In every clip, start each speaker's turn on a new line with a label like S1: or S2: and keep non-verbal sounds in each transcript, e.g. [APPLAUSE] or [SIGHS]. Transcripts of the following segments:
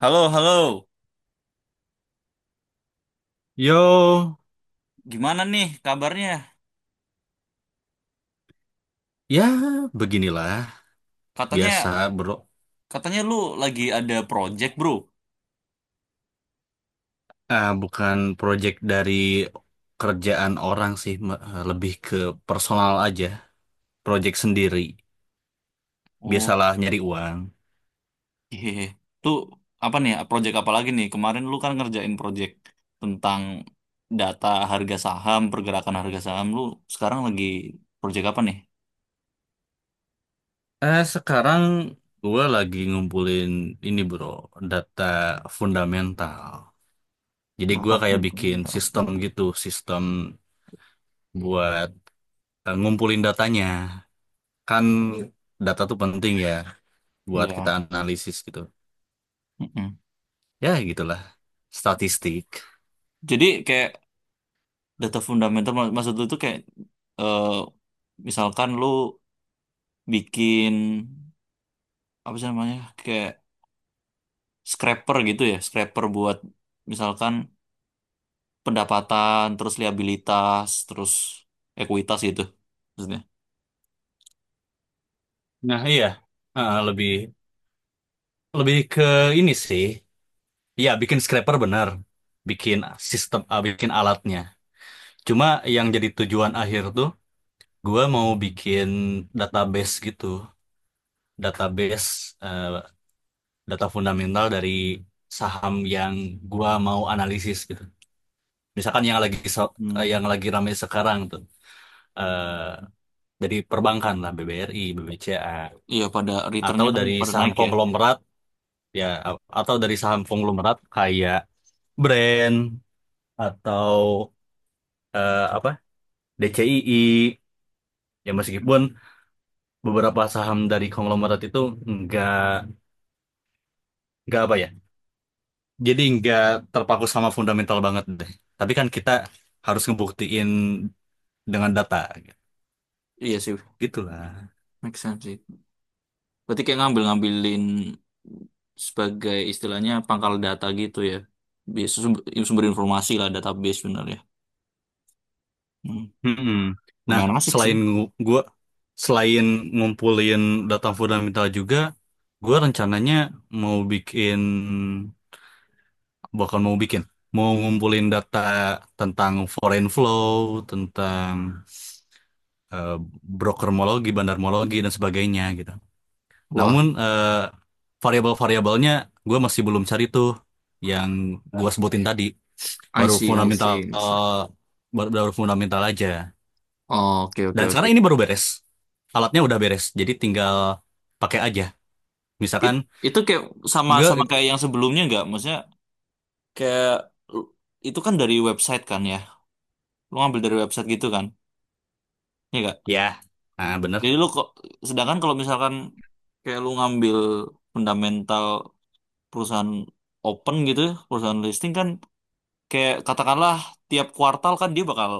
S1: Halo, halo.
S2: Yo,
S1: Gimana nih kabarnya?
S2: ya beginilah
S1: Katanya
S2: biasa, bro.
S1: katanya lu lagi ada project, Bro.
S2: Ah, bukan project dari kerjaan orang sih, lebih ke personal aja, project sendiri.
S1: Oh,
S2: Biasalah nyari uang.
S1: iya. Tuh apa nih? Ya? Project apa lagi nih? Kemarin lu kan ngerjain project tentang data harga saham, pergerakan harga saham. Lu sekarang lagi project apa nih?
S2: Sekarang gue lagi ngumpulin ini, bro, data fundamental. Jadi gue
S1: Data
S2: kayak bikin
S1: fundamental.
S2: sistem gitu, sistem buat ngumpulin datanya. Kan data tuh penting ya, buat kita
S1: Iya.
S2: analisis gitu.
S1: Mm-mm.
S2: Ya gitulah, statistik.
S1: Jadi kayak data fundamental maksud lu tuh kayak eh, misalkan lu bikin apa sih namanya? Kayak scraper gitu ya, scraper buat misalkan pendapatan, terus liabilitas, terus ekuitas gitu maksudnya.
S2: Nah, iya. Ah, lebih lebih ke ini sih. Ya, bikin scraper benar. Bikin bikin alatnya. Cuma yang jadi tujuan akhir tuh, gua mau bikin database gitu. Database eh, data fundamental dari saham yang gua mau analisis gitu. Misalkan yang
S1: Hmm.
S2: lagi ramai sekarang tuh. eh dari perbankan lah, BBRI, BBCA.
S1: Iya pada
S2: Atau
S1: returnnya kan
S2: dari
S1: pada
S2: saham
S1: naik ya.
S2: konglomerat ya atau dari saham konglomerat kayak brand atau apa, DCII, ya
S1: Hmm.
S2: meskipun beberapa saham dari konglomerat itu nggak nggak apa ya, jadi nggak terpaku sama fundamental banget deh, tapi kan kita harus ngebuktiin dengan data
S1: Iya sih,
S2: gitu lah.
S1: make sense sih. Berarti kayak ngambil-ngambilin sebagai istilahnya pangkal data gitu ya. Sumber, sumber informasi lah database bener ya. Hmm.
S2: Mm-mm. Nah,
S1: Lumayan asik sih.
S2: selain gu- gua selain ngumpulin data fundamental juga, gua rencananya mau bikin bakal mau bikin mau ngumpulin data tentang foreign flow, tentang eh, brokermologi, bandarmologi, dan sebagainya gitu. Namun
S1: Wah,
S2: variabel-variabelnya gue masih belum cari tuh, yang gue sebutin tadi.
S1: I
S2: baru
S1: see, I
S2: fundamental
S1: see, I see.
S2: baru baru fundamental aja.
S1: Oh, oke, oke,
S2: Dan
S1: oke.
S2: sekarang ini baru beres, alatnya udah beres, jadi tinggal pakai aja,
S1: It-
S2: misalkan.
S1: itu kayak sama
S2: Gue,
S1: sama kayak yang sebelumnya nggak? Maksudnya kayak lu- itu kan dari website kan ya, lu ngambil dari website gitu kan ya gak.
S2: ya,
S1: Jadi
S2: bener.
S1: lu kok sedangkan kalau misalkan kayak lu ngambil fundamental perusahaan open gitu ya, perusahaan listing kan kayak katakanlah tiap kuartal kan dia bakal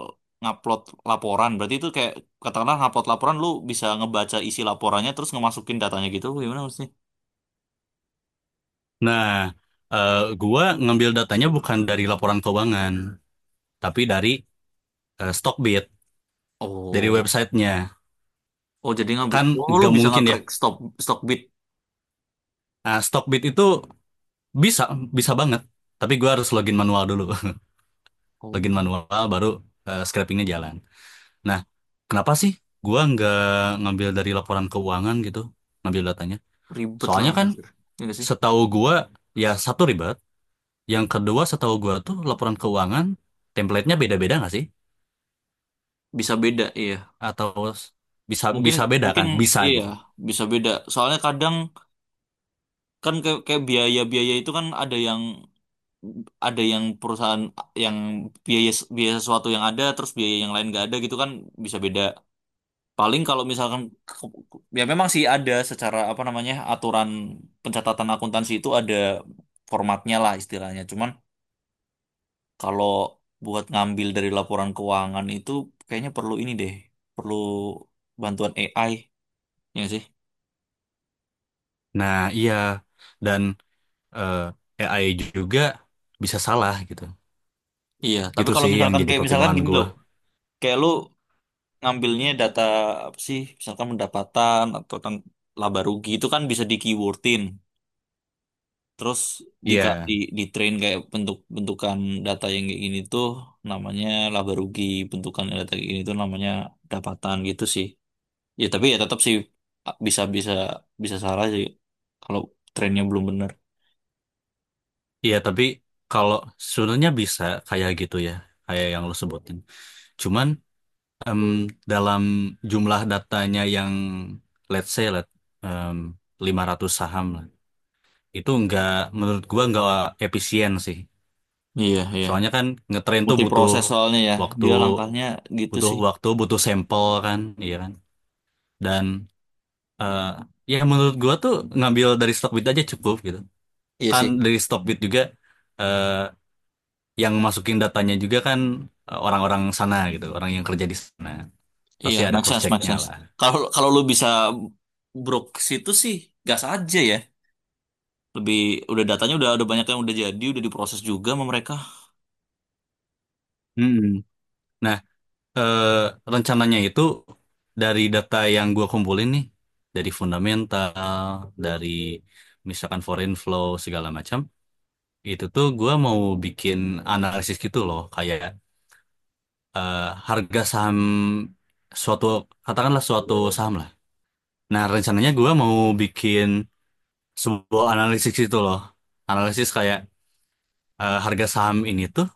S1: ngupload laporan. Berarti itu kayak katakanlah ngupload laporan, lu bisa ngebaca isi laporannya terus ngemasukin datanya gitu gimana maksudnya.
S2: Nah, gua ngambil datanya bukan dari laporan keuangan, tapi dari Stockbit, dari
S1: oh
S2: websitenya.
S1: oh jadi ngambil.
S2: Kan
S1: Oh, lu
S2: nggak
S1: bisa
S2: mungkin ya.
S1: nge-crack stock stock bid.
S2: Nah, Stockbit itu bisa, bisa banget. Tapi gua harus login manual dulu. [LAUGHS]
S1: Oh,
S2: Login manual, baru scrapingnya jalan. Nah, kenapa sih gua nggak ngambil dari laporan keuangan gitu, ngambil datanya?
S1: ribet lah
S2: Soalnya kan
S1: anjir. Iya nggak sih,
S2: setahu gua, ya, satu ribet. Yang kedua setahu gua tuh laporan keuangan, template-nya beda-beda nggak sih?
S1: bisa beda, iya.
S2: Atau bisa
S1: Mungkin
S2: bisa beda
S1: mungkin
S2: kan, bisa
S1: iya
S2: gitu.
S1: bisa beda. Soalnya kadang kan kayak biaya-biaya itu kan ada yang perusahaan yang biaya biaya sesuatu yang ada terus biaya yang lain nggak ada gitu kan bisa beda. Paling kalau misalkan ya memang sih ada secara apa namanya aturan pencatatan akuntansi itu ada formatnya lah istilahnya. Cuman kalau buat ngambil dari laporan keuangan itu kayaknya perlu ini deh, perlu bantuan AI ya nggak sih?
S2: Nah, iya, dan AI juga bisa salah gitu.
S1: Iya, tapi
S2: Gitu
S1: kalau
S2: sih yang
S1: misalkan
S2: jadi
S1: kayak misalkan
S2: pertimbangan
S1: gini
S2: gua.
S1: loh, kayak lu ngambilnya data apa sih, misalkan pendapatan atau tentang laba rugi itu kan bisa di keywordin, terus di
S2: Iya,
S1: di di train kayak bentukan data yang kayak gini tuh namanya laba rugi, bentukan data kayak gini tuh namanya pendapatan gitu sih. Ya tapi ya tetap sih, bisa bisa bisa salah sih kalau trainnya belum bener.
S2: iya, tapi kalau sebenarnya bisa kayak gitu ya, kayak yang lo sebutin, cuman em, dalam jumlah datanya yang let's say em, 500 saham lah, itu nggak, menurut gua nggak efisien sih.
S1: Iya, iya.
S2: Soalnya kan ngetrain tuh
S1: Multi proses soalnya ya,
S2: waktu
S1: dia langkahnya gitu
S2: butuh
S1: sih.
S2: waktu, butuh sampel kan, iya kan. Dan eh, ya menurut gua tuh ngambil dari Stockbit aja cukup gitu.
S1: Iya
S2: Kan
S1: sih.
S2: dari Stockbit juga eh, yang masukin datanya juga kan orang-orang sana gitu, orang yang kerja di sana.
S1: Iya,
S2: Pasti ada
S1: make
S2: cross
S1: sense, make
S2: checknya
S1: sense.
S2: lah.
S1: Kalau kalau lu bisa brok ke situ sih, gas aja ya. Lebih udah datanya udah ada banyak yang udah jadi, udah diproses juga sama mereka.
S2: Mm-mm. Nah, eh, rencananya itu dari data yang gua kumpulin nih, dari fundamental, dari misalkan foreign flow segala macam, itu tuh gua mau bikin analisis gitu loh, kayak eh, harga saham suatu, katakanlah suatu saham lah. Nah, rencananya gua mau bikin sebuah analisis itu loh. Analisis kayak harga saham ini tuh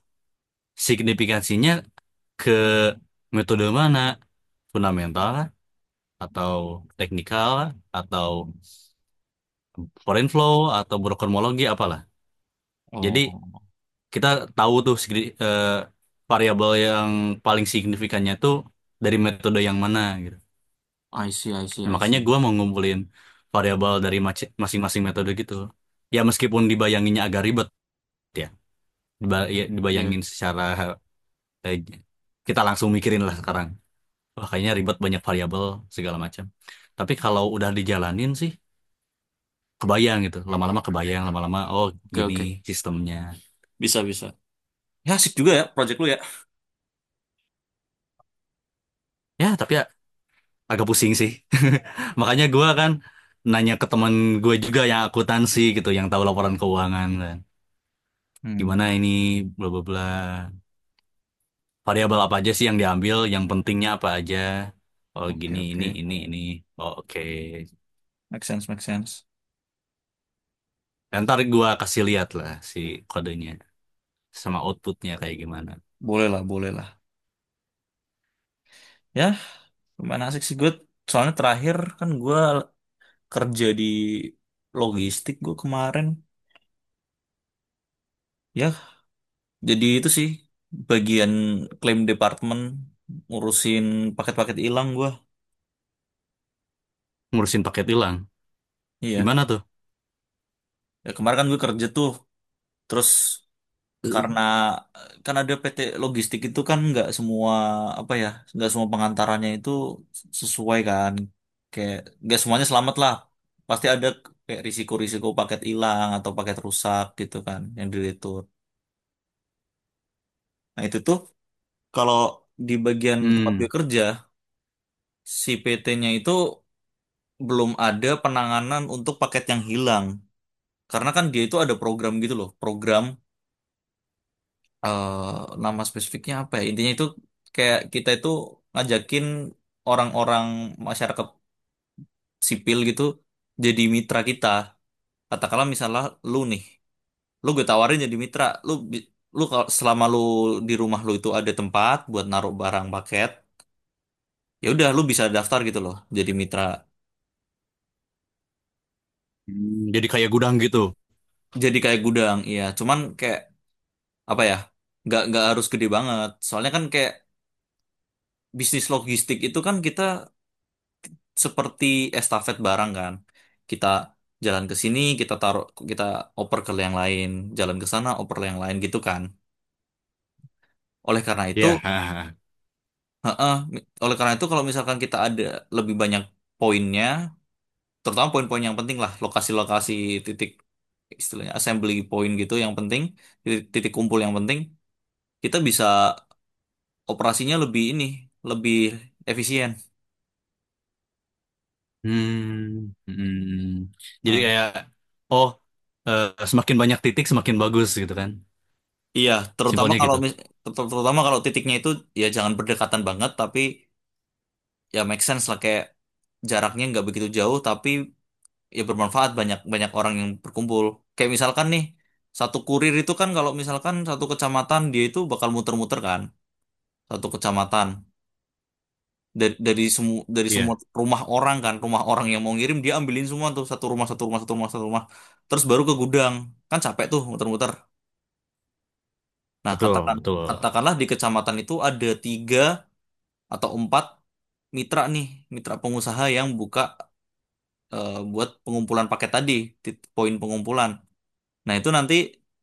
S2: signifikansinya ke metode mana? Fundamental lah, atau teknikal lah, atau foreign flow, atau brokermologi apalah. Jadi
S1: Oh,
S2: kita tahu tuh variabel yang paling signifikannya tuh dari metode yang mana gitu.
S1: I see, I see,
S2: Nah,
S1: I
S2: makanya
S1: see.
S2: gue mau ngumpulin variabel dari masing-masing metode gitu. Ya, meskipun dibayanginnya agak ribet ya,
S1: Iya,
S2: dibayangin secara, eh, kita langsung mikirin lah sekarang. Wah, kayaknya ribet, banyak variabel segala macam. Tapi kalau udah dijalanin sih kebayang gitu. Lama-lama kebayang, lama-lama, oh,
S1: oke,
S2: gini
S1: oke.
S2: sistemnya.
S1: Bisa, bisa. Ya, asik juga ya project lu ya.
S2: Ya tapi ya agak pusing sih. [LAUGHS] Makanya gue kan nanya ke teman gue juga yang akuntansi gitu, yang tahu laporan keuangan kan. Gimana
S1: Hmm.
S2: ini, bla bla bla. Variabel apa aja sih yang diambil? Yang pentingnya apa aja? Oh gini,
S1: Oke, oke.
S2: ini, ini. Oh, oke.
S1: Make sense, make sense.
S2: Ya, ntar gua kasih lihat lah si kodenya sama outputnya kayak gimana.
S1: Boleh lah, boleh lah. Ya, lumayan asik sih gue. Soalnya terakhir kan gue kerja di logistik gue kemarin. Ya, jadi itu sih bagian claim department ngurusin paket-paket hilang gua.
S2: Ngurusin paket hilang.
S1: Iya.
S2: Gimana tuh?
S1: Ya, kemarin kan gue kerja tuh. Terus karena kan ada PT logistik itu kan nggak semua apa ya, nggak semua pengantarannya itu sesuai kan. Kayak nggak semuanya selamat lah. Pasti ada kayak risiko-risiko paket hilang atau paket rusak gitu kan yang diretur. Nah, itu tuh kalau di bagian tempat gue
S2: Hmm.
S1: kerja si PT-nya itu belum ada penanganan untuk paket yang hilang. Karena kan dia itu ada program gitu loh, program, nama spesifiknya apa ya? Intinya itu kayak kita itu ngajakin orang-orang masyarakat sipil gitu jadi mitra kita. Katakanlah misalnya lu nih, lu gue tawarin jadi mitra, lu kalau selama lu di rumah lu itu ada tempat buat naruh barang paket, ya udah lu bisa daftar gitu loh jadi mitra.
S2: Hmm, jadi kayak gudang gitu.
S1: Jadi kayak gudang, iya. Cuman kayak apa ya, nggak harus gede banget. Soalnya kan kayak bisnis logistik itu kan kita seperti estafet barang kan, kita jalan ke sini kita taruh, kita oper ke yang lain, jalan ke sana oper ke yang lain gitu kan, oleh karena itu.
S2: Ya. Hahaha. [LAUGHS]
S1: Heeh, oleh karena itu kalau misalkan kita ada lebih banyak poinnya, terutama poin-poin yang penting lah, lokasi-lokasi titik, istilahnya assembly point gitu yang penting, titik, titik kumpul yang penting, kita bisa operasinya lebih ini, lebih efisien.
S2: Hmm. Hmm. Jadi
S1: Nah,
S2: kayak, oh, eh, semakin banyak titik semakin bagus gitu kan.
S1: iya, terutama
S2: Simpelnya
S1: kalau
S2: gitu.
S1: terutama kalau titiknya itu ya jangan berdekatan banget, tapi ya make sense lah kayak jaraknya nggak begitu jauh, tapi ya bermanfaat banyak banyak orang yang berkumpul. Kayak misalkan nih, satu kurir itu kan kalau misalkan satu kecamatan dia itu bakal muter-muter kan satu kecamatan, dari semua
S2: Iya,
S1: rumah orang kan, rumah orang yang mau ngirim dia ambilin semua tuh, satu rumah, satu rumah, satu rumah, satu rumah, terus baru ke gudang, kan capek tuh muter-muter. Nah
S2: betul,
S1: katakan
S2: betul.
S1: katakanlah di kecamatan itu ada tiga atau empat mitra nih, mitra pengusaha yang buka, buat pengumpulan paket tadi, poin pengumpulan. Nah, itu nanti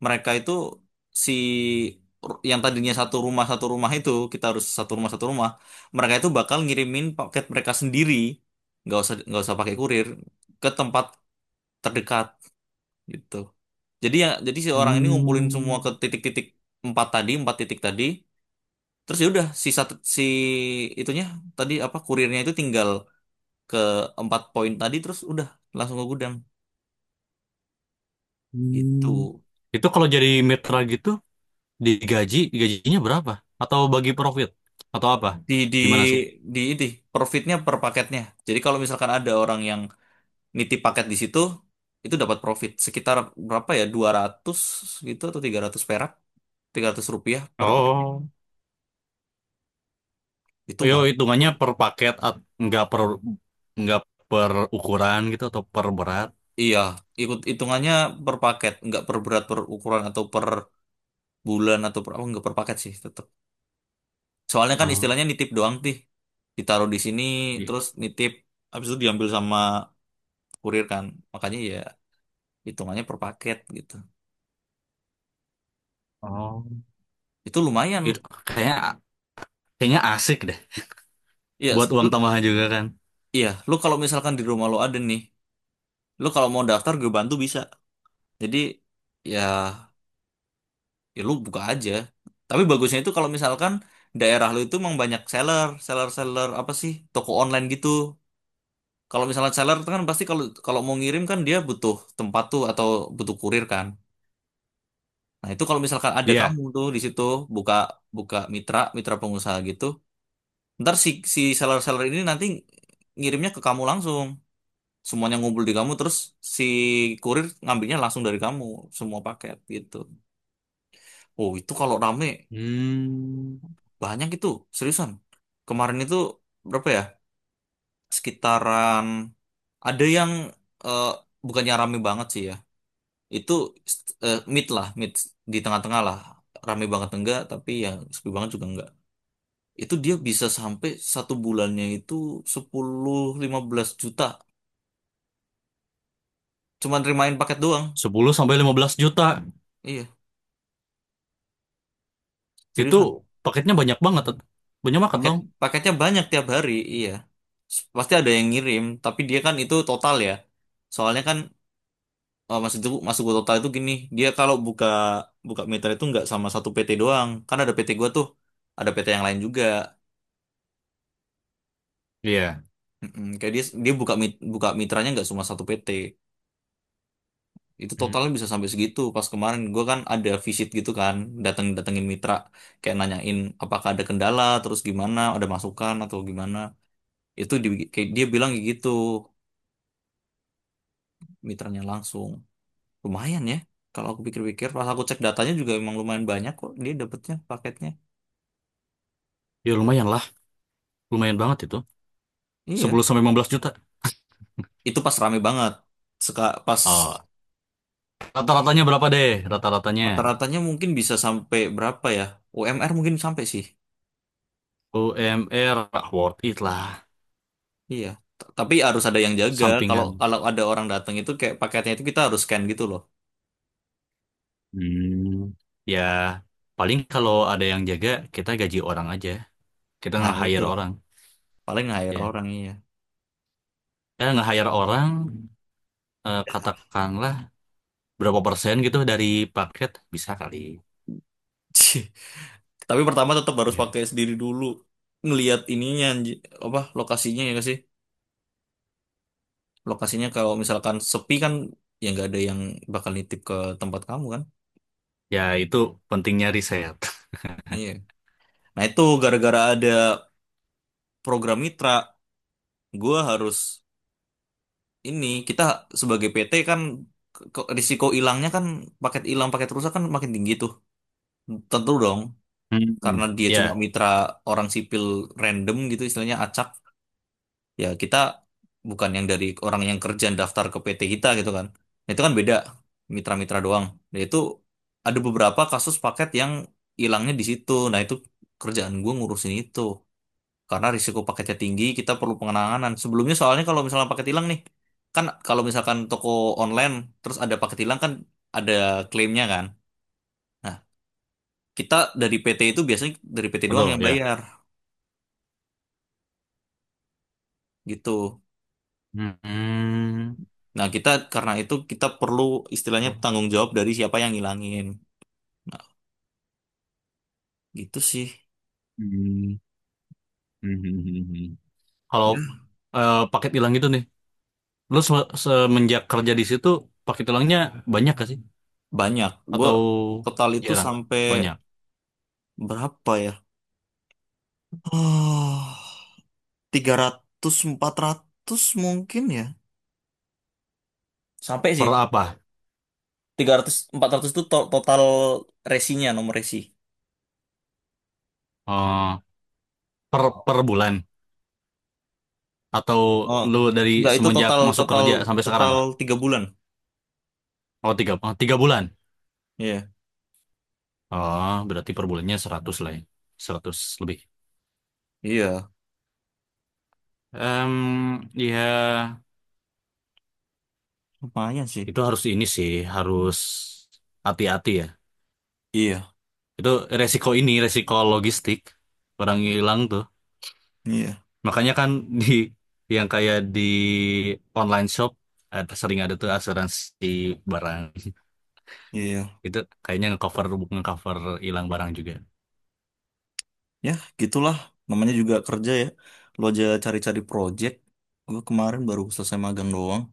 S1: mereka itu si yang tadinya satu rumah itu kita harus satu rumah, mereka itu bakal ngirimin paket mereka sendiri, nggak usah pakai kurir ke tempat terdekat gitu. Jadi ya jadi si orang ini ngumpulin semua
S2: Hmm.
S1: ke titik-titik empat tadi, empat titik tadi. Terus ya udah si satu, si itunya tadi apa kurirnya itu tinggal ke empat poin tadi terus udah langsung ke gudang
S2: Hmm.
S1: itu.
S2: Itu kalau jadi mitra gitu. Digaji, gajinya berapa? Atau bagi profit? Atau apa?
S1: di di
S2: Gimana sih?
S1: di itu profitnya per paketnya. Jadi kalau misalkan ada orang yang nitip paket di situ, itu dapat profit sekitar berapa ya, 200 gitu atau 300 perak, Rp300 per paketnya.
S2: Oh,
S1: Itu
S2: yo,
S1: banyak bro.
S2: hitungannya per paket, nggak per ukuran gitu, atau per berat?
S1: Iya, ikut hitungannya per paket, nggak per berat per ukuran atau per bulan atau per apa. Nggak, per paket sih tetap, soalnya kan
S2: Oh,
S1: istilahnya nitip doang tih, ditaruh di sini
S2: iya.
S1: terus nitip habis itu diambil sama kurir kan, makanya ya hitungannya per paket gitu,
S2: Oh,
S1: itu lumayan
S2: itu kayaknya kayaknya asik deh,
S1: ya.
S2: buat uang
S1: Lu,
S2: tambahan juga kan.
S1: iya lu kalau misalkan di rumah lu ada nih, lu kalau mau daftar gue bantu bisa. Jadi ya, ya lu buka aja, tapi bagusnya itu kalau misalkan daerah lu itu emang banyak seller seller seller, apa sih, toko online gitu. Kalau misalnya seller itu kan pasti, kalau kalau mau ngirim kan dia butuh tempat tuh atau butuh kurir kan. Nah itu kalau misalkan ada
S2: Iya.
S1: kamu tuh di situ buka buka mitra mitra pengusaha gitu. Ntar si si seller-seller ini nanti ngirimnya ke kamu langsung. Semuanya ngumpul di kamu terus si kurir ngambilnya langsung dari kamu semua paket gitu. Oh, itu kalau rame
S2: Hmm,
S1: banyak itu, seriusan. Kemarin itu berapa ya? Sekitaran ada yang, eh, bukannya rame banget sih ya. Itu mid lah, mid di tengah-tengah lah. Rame banget enggak, tapi yang sepi banget juga enggak. Itu dia bisa sampai satu bulannya itu 10-15 juta, cuman terimain paket doang.
S2: 10 sampai 15 juta.
S1: Iya,
S2: Itu
S1: seriusan.
S2: paketnya banyak banget. Banyak banget
S1: Paket
S2: dong.
S1: paketnya banyak tiap hari, iya. Pasti ada yang ngirim, tapi dia kan itu total ya. Soalnya kan, maksud gua total itu gini, dia kalau buka buka mitra itu nggak sama satu PT doang. Kan ada PT gua tuh, ada PT yang lain juga.
S2: Iya.
S1: Mm-mm, kayak dia dia buka mitranya nggak cuma satu PT. Itu
S2: Hmm.
S1: totalnya bisa sampai segitu. Pas kemarin gua kan ada visit gitu kan, datengin mitra kayak nanyain apakah ada kendala, terus gimana, ada masukan atau gimana. Itu di, kayak dia bilang kayak gitu mitranya langsung lumayan ya. Kalau aku pikir-pikir pas aku cek datanya juga emang lumayan banyak kok dia dapetnya paketnya,
S2: Ya lumayan lah, lumayan banget itu.
S1: iya.
S2: 10 sampai 15 juta.
S1: Itu pas rame banget. Pas
S2: Oh, rata-ratanya berapa deh? Rata-ratanya
S1: rata-ratanya mungkin bisa sampai berapa ya, UMR mungkin sampai sih,
S2: UMR. Worth it lah,
S1: iya. Tapi harus ada yang jaga kalau
S2: sampingan.
S1: kalau ada orang datang itu kayak paketnya itu kita harus scan gitu loh.
S2: Hmm. Ya, paling kalau ada yang jaga, kita gaji orang aja. Kita
S1: Nah itu
S2: nge-hire orang.
S1: paling hire
S2: Ya,
S1: orang, iya.
S2: nge-hire orang, katakanlah berapa persen gitu dari paket, bisa kali.
S1: [LAUGHS] Cih. Tapi pertama tetap harus
S2: Ya,
S1: pakai sendiri dulu, ngelihat ininya apa lokasinya, ya nggak sih. Lokasinya kalau misalkan sepi kan ya nggak ada yang bakal nitip ke tempat kamu kan,
S2: ya, itu pentingnya riset.
S1: iya. Nah itu gara-gara ada program mitra, gue harus ini, kita sebagai PT kan, risiko hilangnya kan, paket hilang paket rusak kan makin tinggi tuh, tentu dong.
S2: Hmm.
S1: Karena dia cuma
S2: Ya,
S1: mitra, orang sipil random gitu, istilahnya acak ya, kita bukan yang dari orang yang kerja daftar ke PT kita gitu kan. Nah, itu kan beda, mitra-mitra doang nah, itu ada beberapa kasus paket yang hilangnya di situ. Nah itu kerjaan gue ngurusin itu. Karena risiko paketnya tinggi kita perlu penanganan sebelumnya, soalnya kalau misalnya paket hilang nih, kan kalau misalkan toko online terus ada paket hilang kan ada klaimnya kan. Nah, kita dari PT itu biasanya dari PT doang
S2: betul
S1: yang
S2: ya.
S1: bayar gitu.
S2: Hmm.
S1: Nah, kita karena itu kita perlu istilahnya
S2: Oh.
S1: tanggung jawab dari siapa yang ngilangin. Nah, gitu sih.
S2: Hmm. Hmm. Hmm. Kalau
S1: Ya,
S2: paket hilang gitu nih, lu semenjak kerja di situ pakai tulangnya banyak gak sih?
S1: banyak. Gue
S2: Atau
S1: total itu
S2: jarang?
S1: sampai
S2: Banyak.
S1: berapa ya? [SIGHS] Oh, 300-400 mungkin ya. Sampai
S2: Per
S1: sih.
S2: apa?
S1: 300-400 itu total resinya, nomor resi.
S2: Eh, per per bulan? Atau
S1: Oh,
S2: lu dari
S1: enggak itu
S2: semenjak
S1: total
S2: masuk
S1: total
S2: kerja sampai sekarang?
S1: total 3 bulan.
S2: Oh, tiga, oh, 3 bulan.
S1: Iya.
S2: Oh, berarti per bulannya 100 lah ya. 100 lebih.
S1: Iya.
S2: Em, ya
S1: Lumayan sih.
S2: itu harus ini sih, harus hati-hati ya.
S1: Iya.
S2: Itu resiko, ini resiko logistik. Barang hilang tuh.
S1: Iya.
S2: Makanya kan di yang kayak online shop ada, sering ada tuh asuransi barang.
S1: Iya.
S2: Itu kayaknya ngecover, ngecover hilang barang juga.
S1: Ya, gitulah. Namanya juga kerja ya. Lo aja cari-cari project. Gue kemarin baru selesai magang doang.